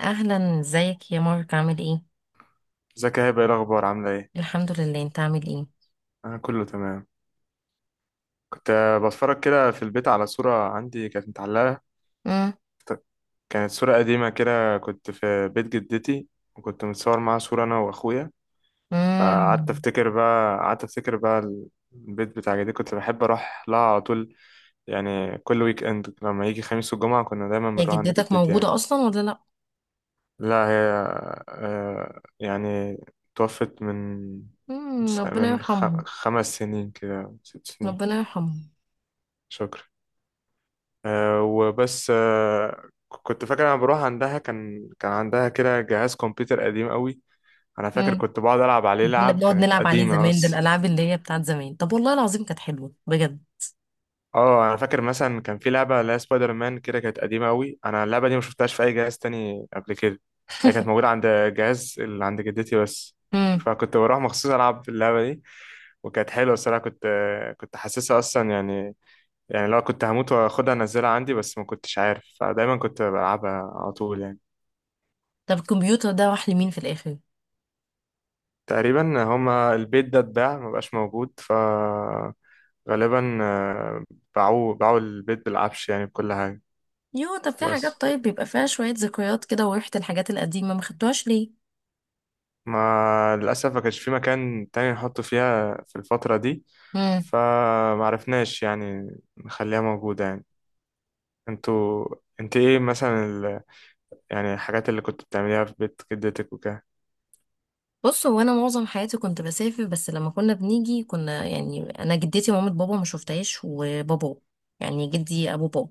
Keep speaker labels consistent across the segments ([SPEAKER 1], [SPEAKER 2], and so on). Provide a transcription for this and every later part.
[SPEAKER 1] اهلا، ازيك يا مارك؟ عامل ايه؟
[SPEAKER 2] ازيك يا هبه؟ ايه الاخبار؟ عامله ايه؟
[SPEAKER 1] الحمد لله، انت عامل ايه؟
[SPEAKER 2] انا كله تمام. كنت بتفرج كده في البيت على صوره عندي كانت متعلقه.
[SPEAKER 1] امم.
[SPEAKER 2] كت- كانت صوره قديمه كده، كنت في بيت جدتي، وكنت متصور معاها صوره، انا واخويا. فقعدت
[SPEAKER 1] امم.
[SPEAKER 2] افتكر بقى قعدت افتكر بقى البيت بتاع جدتي كنت بحب اروح لها على طول، يعني كل ويك اند لما يجي خميس والجمعه كنا دايما
[SPEAKER 1] يا
[SPEAKER 2] بنروح عند
[SPEAKER 1] جدتك
[SPEAKER 2] جدتي يعني.
[SPEAKER 1] موجوده اصلا ولا لا؟
[SPEAKER 2] لا، هي يعني توفت من
[SPEAKER 1] امم. ربنا
[SPEAKER 2] من
[SPEAKER 1] يرحمها.
[SPEAKER 2] خ- 5 سنين كده، 6 سنين.
[SPEAKER 1] ربنا يرحمها.
[SPEAKER 2] شكرا. وبس. كنت فاكر انا بروح عندها، كان عندها كده جهاز كمبيوتر قديم قوي. انا فاكر
[SPEAKER 1] امم.
[SPEAKER 2] كنت بقعد العب عليه،
[SPEAKER 1] كنا
[SPEAKER 2] لعب
[SPEAKER 1] بنقعد
[SPEAKER 2] كانت
[SPEAKER 1] نلعب عليه
[SPEAKER 2] قديمه
[SPEAKER 1] زمان، ده
[SPEAKER 2] بس.
[SPEAKER 1] الالعاب اللي هي بتاعت زمان. طب والله العظيم كانت حلوه بجد.
[SPEAKER 2] اه، انا فاكر مثلا كان في لعبه اللي هي سبايدر مان كده، كانت قديمه قوي. انا اللعبه دي ما شفتهاش في اي جهاز تاني قبل كده. هي كانت موجوده عند جهاز اللي عند جدتي بس،
[SPEAKER 1] امم.
[SPEAKER 2] فكنت بروح مخصوص العب اللعبه دي. وكانت حلوه الصراحه، كنت حاسسها اصلا يعني، يعني لو كنت هموت واخدها انزلها عندي، بس ما كنتش عارف، فدايما كنت بلعبها على طول يعني.
[SPEAKER 1] طب الكمبيوتر ده راح لمين في الاخر؟
[SPEAKER 2] تقريبا هما البيت ده اتباع مبقاش موجود، فغالبا آه، باعوا البيت بالعفش يعني بكل حاجة.
[SPEAKER 1] يو، طب في حاجات
[SPEAKER 2] بس
[SPEAKER 1] طيب بيبقى فيها شويه ذكريات كده وريحه الحاجات القديمه، ما خدتوهاش
[SPEAKER 2] ما للأسف ما كانش في مكان تاني نحطه فيها في الفترة دي،
[SPEAKER 1] ليه؟
[SPEAKER 2] فمعرفناش يعني نخليها موجودة يعني. انتوا انت ايه مثلا يعني الحاجات اللي كنت بتعمليها في بيت جدتك وكده؟
[SPEAKER 1] بص، هو انا معظم حياتي كنت بسافر، بس لما كنا بنيجي كنا يعني انا جدتي ومامة بابا ما شفتهاش، وبابا يعني جدي ابو بابا،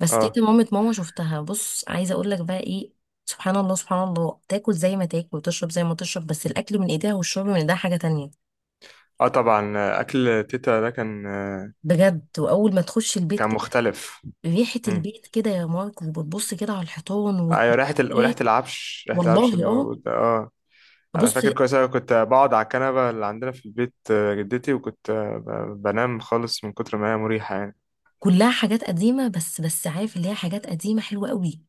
[SPEAKER 1] بس
[SPEAKER 2] اه،
[SPEAKER 1] تيتا مامة ماما شفتها. بص عايزه اقول لك بقى ايه، سبحان الله سبحان الله، تاكل زي ما تاكل وتشرب زي ما تشرب، بس الاكل من ايديها والشرب من ايديها حاجه تانية.
[SPEAKER 2] اه، طبعا اكل تيتا ده كان آه،
[SPEAKER 1] بجد، واول ما تخش البيت
[SPEAKER 2] كان
[SPEAKER 1] كده،
[SPEAKER 2] مختلف.
[SPEAKER 1] ريحه
[SPEAKER 2] مم.
[SPEAKER 1] البيت كده يا مارك، وبتبص كده على الحيطان
[SPEAKER 2] ايوه، ريحة وريحة
[SPEAKER 1] والتكييفات.
[SPEAKER 2] العفش ريحة العفش اللي
[SPEAKER 1] والله اه.
[SPEAKER 2] موجود ده، اه. انا
[SPEAKER 1] بص،
[SPEAKER 2] فاكر كويس أوي كنت بقعد على الكنبه اللي عندنا في البيت، جدتي، وكنت بنام خالص من كتر ما هي مريحه يعني.
[SPEAKER 1] كلها حاجات قديمة، بس بس عارف اللي هي حاجات قديمة حلوة قوي.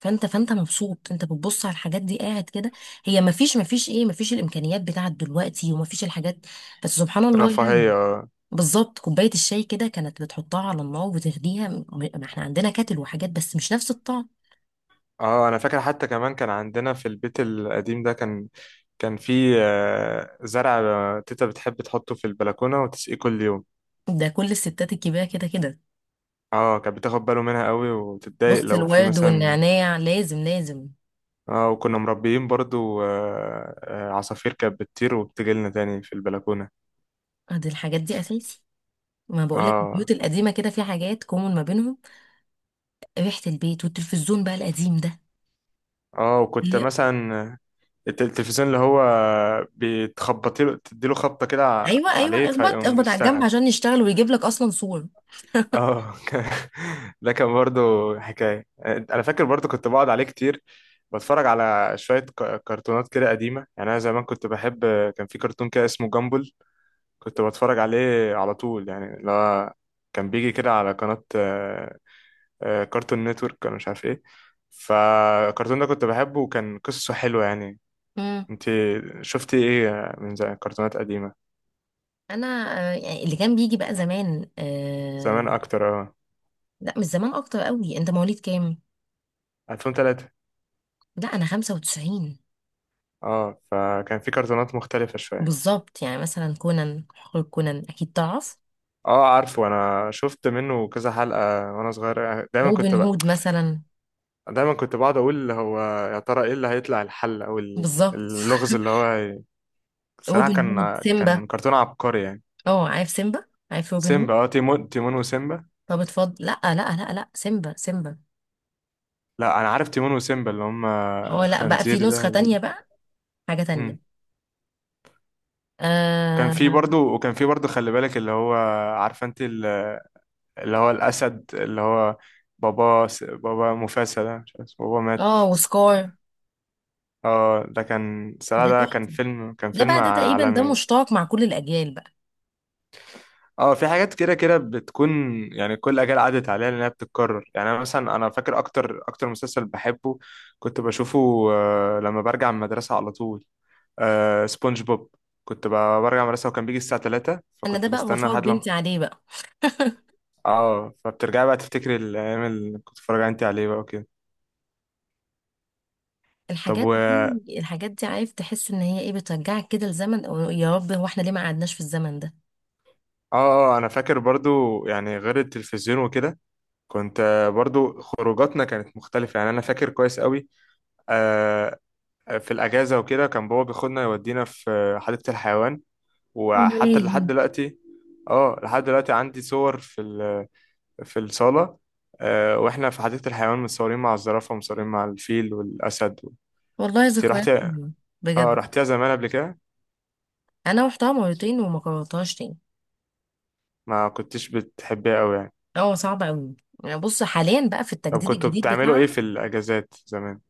[SPEAKER 1] فانت فانت مبسوط، انت بتبص على الحاجات دي قاعد كده. هي مفيش مفيش ايه، مفيش الامكانيات بتاعت دلوقتي ومفيش الحاجات، بس سبحان الله يعني.
[SPEAKER 2] رفاهيه، اه.
[SPEAKER 1] بالظبط، كوباية الشاي كده كانت بتحطها على النار وتغليها، ما احنا عندنا كاتل وحاجات بس مش نفس الطعم.
[SPEAKER 2] انا فاكر حتى كمان كان عندنا في البيت القديم ده كان في زرع، تيتا بتحب تحطه في البلكونه وتسقيه كل يوم.
[SPEAKER 1] ده كل الستات الكبيرة كده كده.
[SPEAKER 2] اه، كانت بتاخد باله منها قوي وتتضايق
[SPEAKER 1] بص،
[SPEAKER 2] لو في
[SPEAKER 1] الورد
[SPEAKER 2] مثلا.
[SPEAKER 1] والنعناع لازم لازم.
[SPEAKER 2] اه، وكنا مربيين برضو عصافير كانت بتطير وبتجيلنا تاني في البلكونه.
[SPEAKER 1] اه، دي الحاجات دي اساسي. ما بقولك
[SPEAKER 2] اه،
[SPEAKER 1] البيوت القديمة كده في حاجات كومن ما بينهم، ريحة البيت والتلفزيون بقى القديم ده.
[SPEAKER 2] اه، وكنت مثلا التلفزيون اللي هو، بتخبطي له تديله خبطة كده
[SPEAKER 1] ايوه ايوه،
[SPEAKER 2] عليه
[SPEAKER 1] اخبط
[SPEAKER 2] فيقوم
[SPEAKER 1] اخبط على الجنب
[SPEAKER 2] يشتغل.
[SPEAKER 1] عشان يشتغل ويجيب لك اصلا صور.
[SPEAKER 2] اه. ده كان برضو حكاية، انا فاكر برضو كنت بقعد عليه كتير، بتفرج على شوية كرتونات كده قديمة يعني، انا زمان كنت بحب. كان في كرتون كده اسمه جامبل، كنت بتفرج عليه على طول يعني، اللي هو كان بيجي كده على قناة كارتون نتورك، انا مش عارف ايه. فالكرتون ده كنت بحبه وكان قصته حلوة يعني.
[SPEAKER 1] امم.
[SPEAKER 2] انت شفتي ايه من زمان كرتونات قديمة؟
[SPEAKER 1] انا يعني اللي كان بيجي بقى زمان، آه.
[SPEAKER 2] زمان اكتر، اه.
[SPEAKER 1] لا، مش زمان اكتر قوي. انت مواليد كام؟
[SPEAKER 2] 2003.
[SPEAKER 1] لا انا 95.
[SPEAKER 2] اه، فكان في كرتونات مختلفة شوية.
[SPEAKER 1] بالظبط، يعني مثلا كونان، حقوق كونان اكيد تعرف.
[SPEAKER 2] اه عارفه، انا شفت منه كذا حلقة وانا صغير.
[SPEAKER 1] روبن هود مثلا.
[SPEAKER 2] دايما كنت بقعد اقول هو، يا ترى ايه اللي هيطلع الحل او
[SPEAKER 1] بالظبط.
[SPEAKER 2] اللغز اللي هو الصراحة
[SPEAKER 1] روبن هود
[SPEAKER 2] كان
[SPEAKER 1] سيمبا.
[SPEAKER 2] كان كرتون عبقري يعني.
[SPEAKER 1] اه عارف سيمبا، عارف روبن هود.
[SPEAKER 2] سيمبا، اه، تيمون وسيمبا.
[SPEAKER 1] طب اتفضل، لا لا لا لا، سيمبا سيمبا.
[SPEAKER 2] لا انا عارف تيمون وسيمبا اللي هم
[SPEAKER 1] اه، لا بقى في
[SPEAKER 2] الخنزير ده.
[SPEAKER 1] نسخة تانية بقى، حاجة تانية.
[SPEAKER 2] امم. وكان في
[SPEAKER 1] اه.
[SPEAKER 2] برضو وكان في برضو خلي بالك، اللي هو، عارفه انت، اللي هو الأسد، اللي هو بابا مفاسة ده مش عارف اسمه، بابا مات.
[SPEAKER 1] اه وسكار.
[SPEAKER 2] اه، ده كان صراحة
[SPEAKER 1] ده
[SPEAKER 2] ده كان
[SPEAKER 1] تحفة.
[SPEAKER 2] فيلم كان
[SPEAKER 1] ده
[SPEAKER 2] فيلم
[SPEAKER 1] بقى ده تقريبا ده
[SPEAKER 2] عالمي.
[SPEAKER 1] مشترك مع كل الأجيال بقى.
[SPEAKER 2] اه، في حاجات كده كده بتكون، يعني كل أجيال عدت عليها لأنها بتتكرر. يعني، أنا مثلا، أنا فاكر أكتر مسلسل بحبه كنت بشوفه، لما برجع من المدرسة على طول، سبونج بوب. كنت برجع من المدرسة وكان بيجي الساعة 3،
[SPEAKER 1] أنا ده
[SPEAKER 2] فكنت
[SPEAKER 1] بقى
[SPEAKER 2] بستنى
[SPEAKER 1] بفرج
[SPEAKER 2] لحد لما.
[SPEAKER 1] بنتي عليه بقى.
[SPEAKER 2] اه، فبترجعي بقى تفتكري الأيام اللي كنت بتتفرجي انت عليه بقى وكده. طب،
[SPEAKER 1] الحاجات دي الحاجات دي، عارف، تحس إن هي إيه، بترجعك كده لزمن، أو يا رب هو إحنا ليه ما قعدناش في الزمن ده.
[SPEAKER 2] اه، انا فاكر برضو، يعني غير التلفزيون وكده كنت برضو خروجاتنا كانت مختلفة يعني. انا فاكر كويس قوي، آه، في الاجازة وكده كان بابا بياخدنا يودينا في حديقة الحيوان،
[SPEAKER 1] أو
[SPEAKER 2] وحتى لحد
[SPEAKER 1] ملاهي.
[SPEAKER 2] دلوقتي. اه، لحد دلوقتي عندي صور في الصالة، واحنا في حديقة الحيوان متصورين مع الزرافة ومتصورين مع الفيل والاسد.
[SPEAKER 1] والله
[SPEAKER 2] انت
[SPEAKER 1] ذكريات
[SPEAKER 2] رحتي؟
[SPEAKER 1] حلوة.
[SPEAKER 2] اه
[SPEAKER 1] بجد.
[SPEAKER 2] رحتيها زمان قبل كده؟
[SPEAKER 1] أنا رحتها مرتين وما كررتهاش تاني.
[SPEAKER 2] ما كنتش بتحبيها قوي يعني؟
[SPEAKER 1] هو صعب أوي. يعني بص، حاليا بقى في
[SPEAKER 2] طب
[SPEAKER 1] التجديد
[SPEAKER 2] كنتوا
[SPEAKER 1] الجديد
[SPEAKER 2] بتعملوا ايه
[SPEAKER 1] بتاعها.
[SPEAKER 2] في الاجازات زمان؟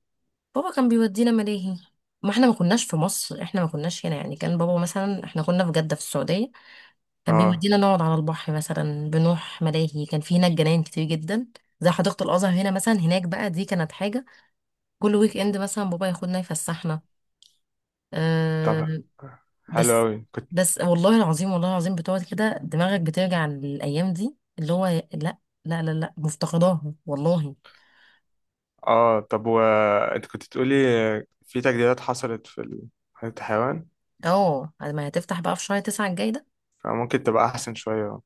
[SPEAKER 1] بابا كان بيودينا ملاهي. ما احنا ما كناش في مصر، احنا ما كناش هنا يعني، كان بابا مثلا احنا كنا في جدة في السعودية. كان
[SPEAKER 2] اه،
[SPEAKER 1] بيودينا نقعد على البحر مثلا، بنروح ملاهي، كان في هناك جناين كتير جدا زي حديقة الأزهر هنا مثلا. هناك بقى دي كانت حاجة. كل ويك إند مثلا بابا ياخدنا يفسحنا.
[SPEAKER 2] طب،
[SPEAKER 1] أه.
[SPEAKER 2] حلو
[SPEAKER 1] بس
[SPEAKER 2] أوي كنت.
[SPEAKER 1] بس والله العظيم والله العظيم، بتقعد كده دماغك بترجع للأيام دي اللي هو لا، لا لا لا، مفتقداها والله.
[SPEAKER 2] اه، طب وانت كنت بتقولي في تجديدات حصلت في حديقة الحيوان،
[SPEAKER 1] اه، ما هتفتح بقى في شهر تسعة الجاي ده.
[SPEAKER 2] فممكن تبقى أحسن شوية.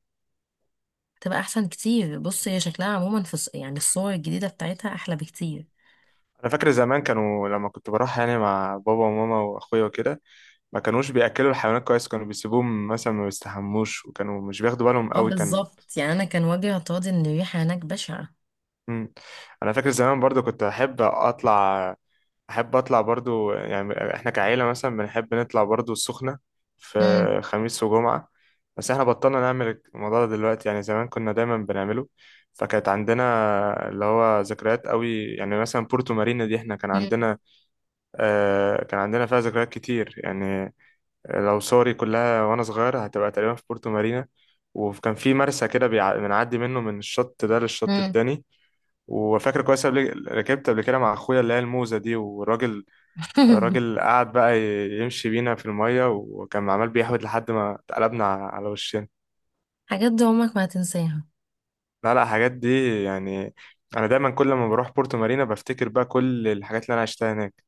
[SPEAKER 1] تبقى أحسن كتير. بص، هي شكلها عموما في يعني الصور الجديدة بتاعتها أحلى بكتير.
[SPEAKER 2] أنا فاكر زمان كانوا لما كنت بروح يعني مع بابا وماما وأخويا وكده ما كانوش بيأكلوا الحيوانات كويس، كانوا بيسيبوهم مثلا ما بيستحموش، وكانوا مش بياخدوا بالهم
[SPEAKER 1] اه
[SPEAKER 2] قوي كان.
[SPEAKER 1] بالظبط، يعني أنا كان وجهي اعتراضي إن الريحة هناك بشعة.
[SPEAKER 2] مم. أنا فاكر زمان برضو كنت أحب أطلع احب اطلع برضو، يعني احنا كعيله مثلا بنحب نطلع برضو السخنه في خميس وجمعه، بس احنا بطلنا نعمل الموضوع ده دلوقتي، يعني زمان كنا دايما بنعمله. فكانت عندنا اللي هو ذكريات قوي، يعني مثلا بورتو مارينا دي احنا كان
[SPEAKER 1] مم.
[SPEAKER 2] عندنا آه كان عندنا فيها ذكريات كتير يعني. لو صوري كلها وانا صغير هتبقى تقريبا في بورتو مارينا. وكان في مرسى كده بنعدي منه من الشط ده للشط
[SPEAKER 1] مم.
[SPEAKER 2] التاني. وفاكر كويس، قبل ركبت قبل كده مع اخويا اللي هي الموزه دي، والراجل، الراجل قعد بقى يمشي بينا في المية، وكان عمال بيحوت لحد ما اتقلبنا على وشنا.
[SPEAKER 1] حاجات دي عمرك ما هتنساها.
[SPEAKER 2] لا، لا، الحاجات دي يعني، أنا دايما كل ما بروح بورتو مارينا بفتكر بقى كل الحاجات اللي أنا عشتها هناك،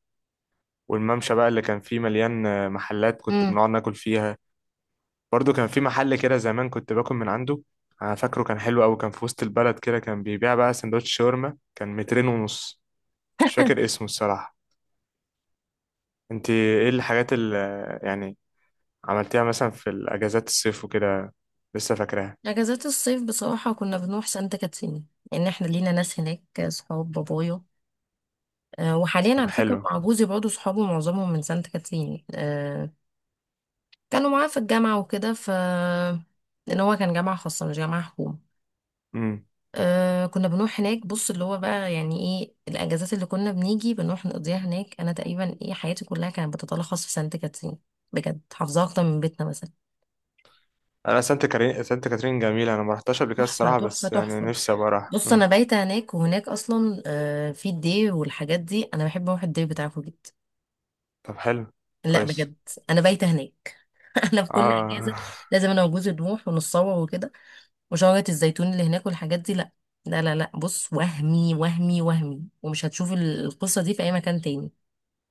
[SPEAKER 2] والممشى بقى اللي كان فيه مليان محلات كنت
[SPEAKER 1] مم.
[SPEAKER 2] بنقعد ناكل فيها. برضو كان في محل كده زمان كنت باكل من عنده، أنا فاكره كان حلو أوي، كان في وسط البلد كده، كان بيبيع بقى سندوتش شاورما كان مترين ونص. مش فاكر اسمه الصراحة. انت ايه الحاجات اللي يعني عملتيها مثلا في الاجازات الصيف وكده، لسه فاكراها؟
[SPEAKER 1] اجازات الصيف بصراحه كنا بنروح سانت كاترين، لان احنا لينا ناس هناك، صحاب بابايا. أه، وحاليا
[SPEAKER 2] طب،
[SPEAKER 1] على فكره
[SPEAKER 2] حلو.
[SPEAKER 1] مع جوزي برضه صحابه معظمهم من سانت كاترين. أه كانوا معاه في الجامعه وكده، ف لان هو كان جامعه خاصه مش جامعه حكومه.
[SPEAKER 2] امم.
[SPEAKER 1] أه كنا بنروح هناك. بص اللي هو بقى يعني ايه الاجازات اللي كنا بنيجي بنروح نقضيها هناك، انا تقريبا ايه حياتي كلها كانت بتتلخص في سانت كاترين. بجد، حافظاها اكتر من بيتنا مثلا.
[SPEAKER 2] انا، سانت كاترين، سانت كاترين جميله، انا ما رحتهاش قبل كده
[SPEAKER 1] تحفه
[SPEAKER 2] الصراحه،
[SPEAKER 1] تحفه
[SPEAKER 2] بس يعني
[SPEAKER 1] تحفه.
[SPEAKER 2] نفسي ابقى اروح.
[SPEAKER 1] بص
[SPEAKER 2] امم.
[SPEAKER 1] انا بايته هناك، وهناك اصلا في الدي والحاجات دي، انا بحب اروح الدي بتاعكم جدا.
[SPEAKER 2] طب، حلو.
[SPEAKER 1] لا
[SPEAKER 2] كويس.
[SPEAKER 1] بجد. انا بايته هناك. انا في كل
[SPEAKER 2] اه.
[SPEAKER 1] اجازه لازم انا وجوزي نروح ونتصور وكده، وشجره الزيتون اللي هناك والحاجات دي. لا، لا لا لا، بص، وهمي وهمي وهمي، ومش هتشوف القصه دي في اي مكان تاني.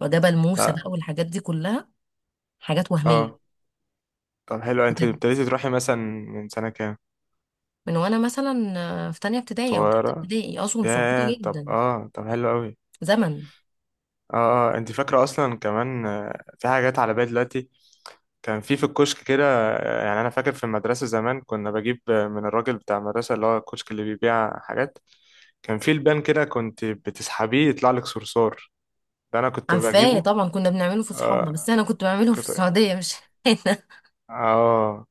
[SPEAKER 1] وجبل موسى
[SPEAKER 2] لا.
[SPEAKER 1] بقى والحاجات دي كلها حاجات
[SPEAKER 2] اه،
[SPEAKER 1] وهميه.
[SPEAKER 2] طب، حلو. انت
[SPEAKER 1] بجد.
[SPEAKER 2] ابتديتي تروحي مثلا من سنه كام؟
[SPEAKER 1] من وانا مثلا في تانية ابتدائي او تالتة
[SPEAKER 2] صغيره.
[SPEAKER 1] ابتدائي، اصلا صعوبه
[SPEAKER 2] ياه، طب،
[SPEAKER 1] جدا.
[SPEAKER 2] اه، طب حلو قوي.
[SPEAKER 1] زمن.
[SPEAKER 2] اه، اه، انت فاكره اصلا؟ كمان في حاجات على بالي دلوقتي. كان في الكشك كده، يعني انا فاكر في المدرسه زمان كنا بجيب من الراجل بتاع المدرسه، اللي هو الكشك اللي بيبيع حاجات. كان في لبان كده كنت بتسحبيه يطلع لك صرصار، ده انا كنت
[SPEAKER 1] عارفاه
[SPEAKER 2] بجيبه.
[SPEAKER 1] طبعا، كنا بنعمله في صحابنا،
[SPEAKER 2] آه
[SPEAKER 1] بس انا كنت بعمله في
[SPEAKER 2] كنت،
[SPEAKER 1] السعوديه مش هنا.
[SPEAKER 2] اه.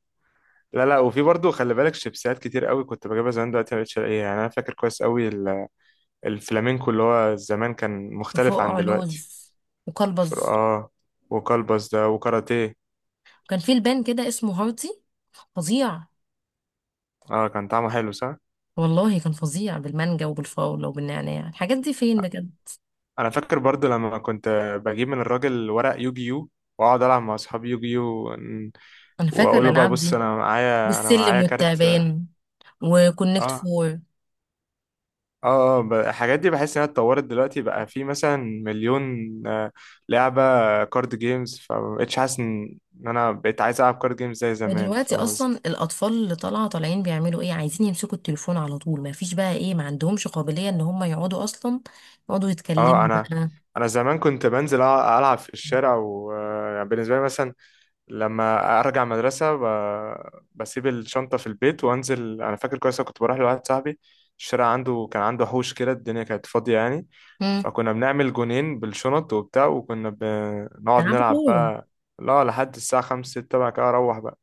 [SPEAKER 2] لا، لا، وفي برضه خلي بالك، شيبسيات كتير قوي كنت بجيبها زمان، دلوقتي ما بقتش الاقيها، يعني انا فاكر كويس قوي الفلامينكو اللي هو زمان كان مختلف عن
[SPEAKER 1] وفوق
[SPEAKER 2] دلوقتي.
[SPEAKER 1] لوز، وكلبز.
[SPEAKER 2] اه، وكلبس ده وكاراتيه.
[SPEAKER 1] وكان في لبان كده اسمه هارتي، فظيع.
[SPEAKER 2] اه، كان طعمه حلو، صح؟
[SPEAKER 1] والله كان فظيع، بالمانجا وبالفراوله وبالنعناع. الحاجات دي فين بجد؟
[SPEAKER 2] انا فاكر برضو لما كنت بجيب من الراجل ورق يوجيو، واقعد العب مع اصحابي يوجيو،
[SPEAKER 1] انا فاكره
[SPEAKER 2] واقول له بقى
[SPEAKER 1] الالعاب
[SPEAKER 2] بص،
[SPEAKER 1] دي،
[SPEAKER 2] انا معايا انا
[SPEAKER 1] والسلم
[SPEAKER 2] معايا كارت، اه.
[SPEAKER 1] والتعبان، وكونكت
[SPEAKER 2] اه،
[SPEAKER 1] فور.
[SPEAKER 2] اه، الحاجات دي بحس انها اتطورت دلوقتي، بقى في مثلا مليون آه، لعبة، كارد جيمز، فمبقتش حاسس ان انا بقيت عايز العب كارد جيمز زي زمان.
[SPEAKER 1] ودلوقتي
[SPEAKER 2] فاهم قصدي؟
[SPEAKER 1] اصلا الاطفال اللي طالعه طالعين بيعملوا ايه؟ عايزين يمسكوا التليفون على طول. ما فيش بقى ايه، ما عندهمش قابليه ان هم يقعدوا اصلا يقعدوا
[SPEAKER 2] اه،
[SPEAKER 1] يتكلموا
[SPEAKER 2] انا
[SPEAKER 1] بقى.
[SPEAKER 2] انا زمان كنت بنزل العب في الشارع، وبالنسبة لي مثلا لما ارجع مدرسه بسيب الشنطه في البيت وانزل. انا فاكر كويس، أنا كنت بروح لواحد صاحبي الشارع عنده، كان عنده حوش كده، الدنيا كانت فاضيه يعني،
[SPEAKER 1] امم.
[SPEAKER 2] فكنا بنعمل جونين بالشنط وبتاع، وكنا بنقعد
[SPEAKER 1] يلعبوا
[SPEAKER 2] نلعب
[SPEAKER 1] كوره.
[SPEAKER 2] بقى. لا لحد الساعه 5، 6 بقى كده اروح بقى،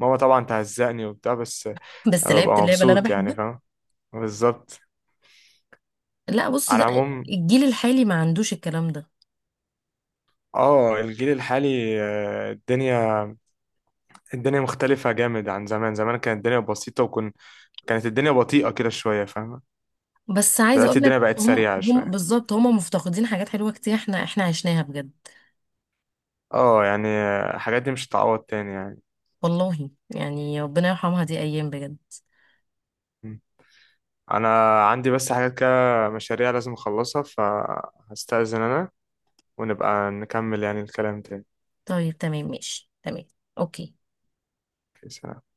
[SPEAKER 2] ماما طبعا تهزقني وبتاع، بس
[SPEAKER 1] بس
[SPEAKER 2] انا ببقى
[SPEAKER 1] لعبت اللعبة اللي انا
[SPEAKER 2] مبسوط يعني.
[SPEAKER 1] بحبها.
[SPEAKER 2] فاهم؟ بالظبط.
[SPEAKER 1] لا بص،
[SPEAKER 2] على
[SPEAKER 1] ده
[SPEAKER 2] العموم،
[SPEAKER 1] الجيل الحالي ما عندوش الكلام ده.
[SPEAKER 2] اه، الجيل الحالي، الدنيا مختلفة جامد عن زمان. زمان كانت الدنيا بسيطة، كانت الدنيا بطيئة كده شوية، فاهم؟
[SPEAKER 1] بس عايزة
[SPEAKER 2] دلوقتي
[SPEAKER 1] اقول لك،
[SPEAKER 2] الدنيا بقت
[SPEAKER 1] هم
[SPEAKER 2] سريعة
[SPEAKER 1] هم
[SPEAKER 2] شوية.
[SPEAKER 1] بالظبط هم مفتقدين حاجات حلوة كتير، احنا احنا عشناها بجد.
[SPEAKER 2] اه، يعني الحاجات دي مش هتعوض تاني يعني.
[SPEAKER 1] والله يعني ربنا يرحمها، دي ايام بجد.
[SPEAKER 2] م. انا عندي بس حاجات كده، مشاريع لازم اخلصها، فهستأذن انا، ونبقى نكمل يعني الكلام تاني.
[SPEAKER 1] طيب تمام، ماشي تمام. اوكي.
[SPEAKER 2] سلام.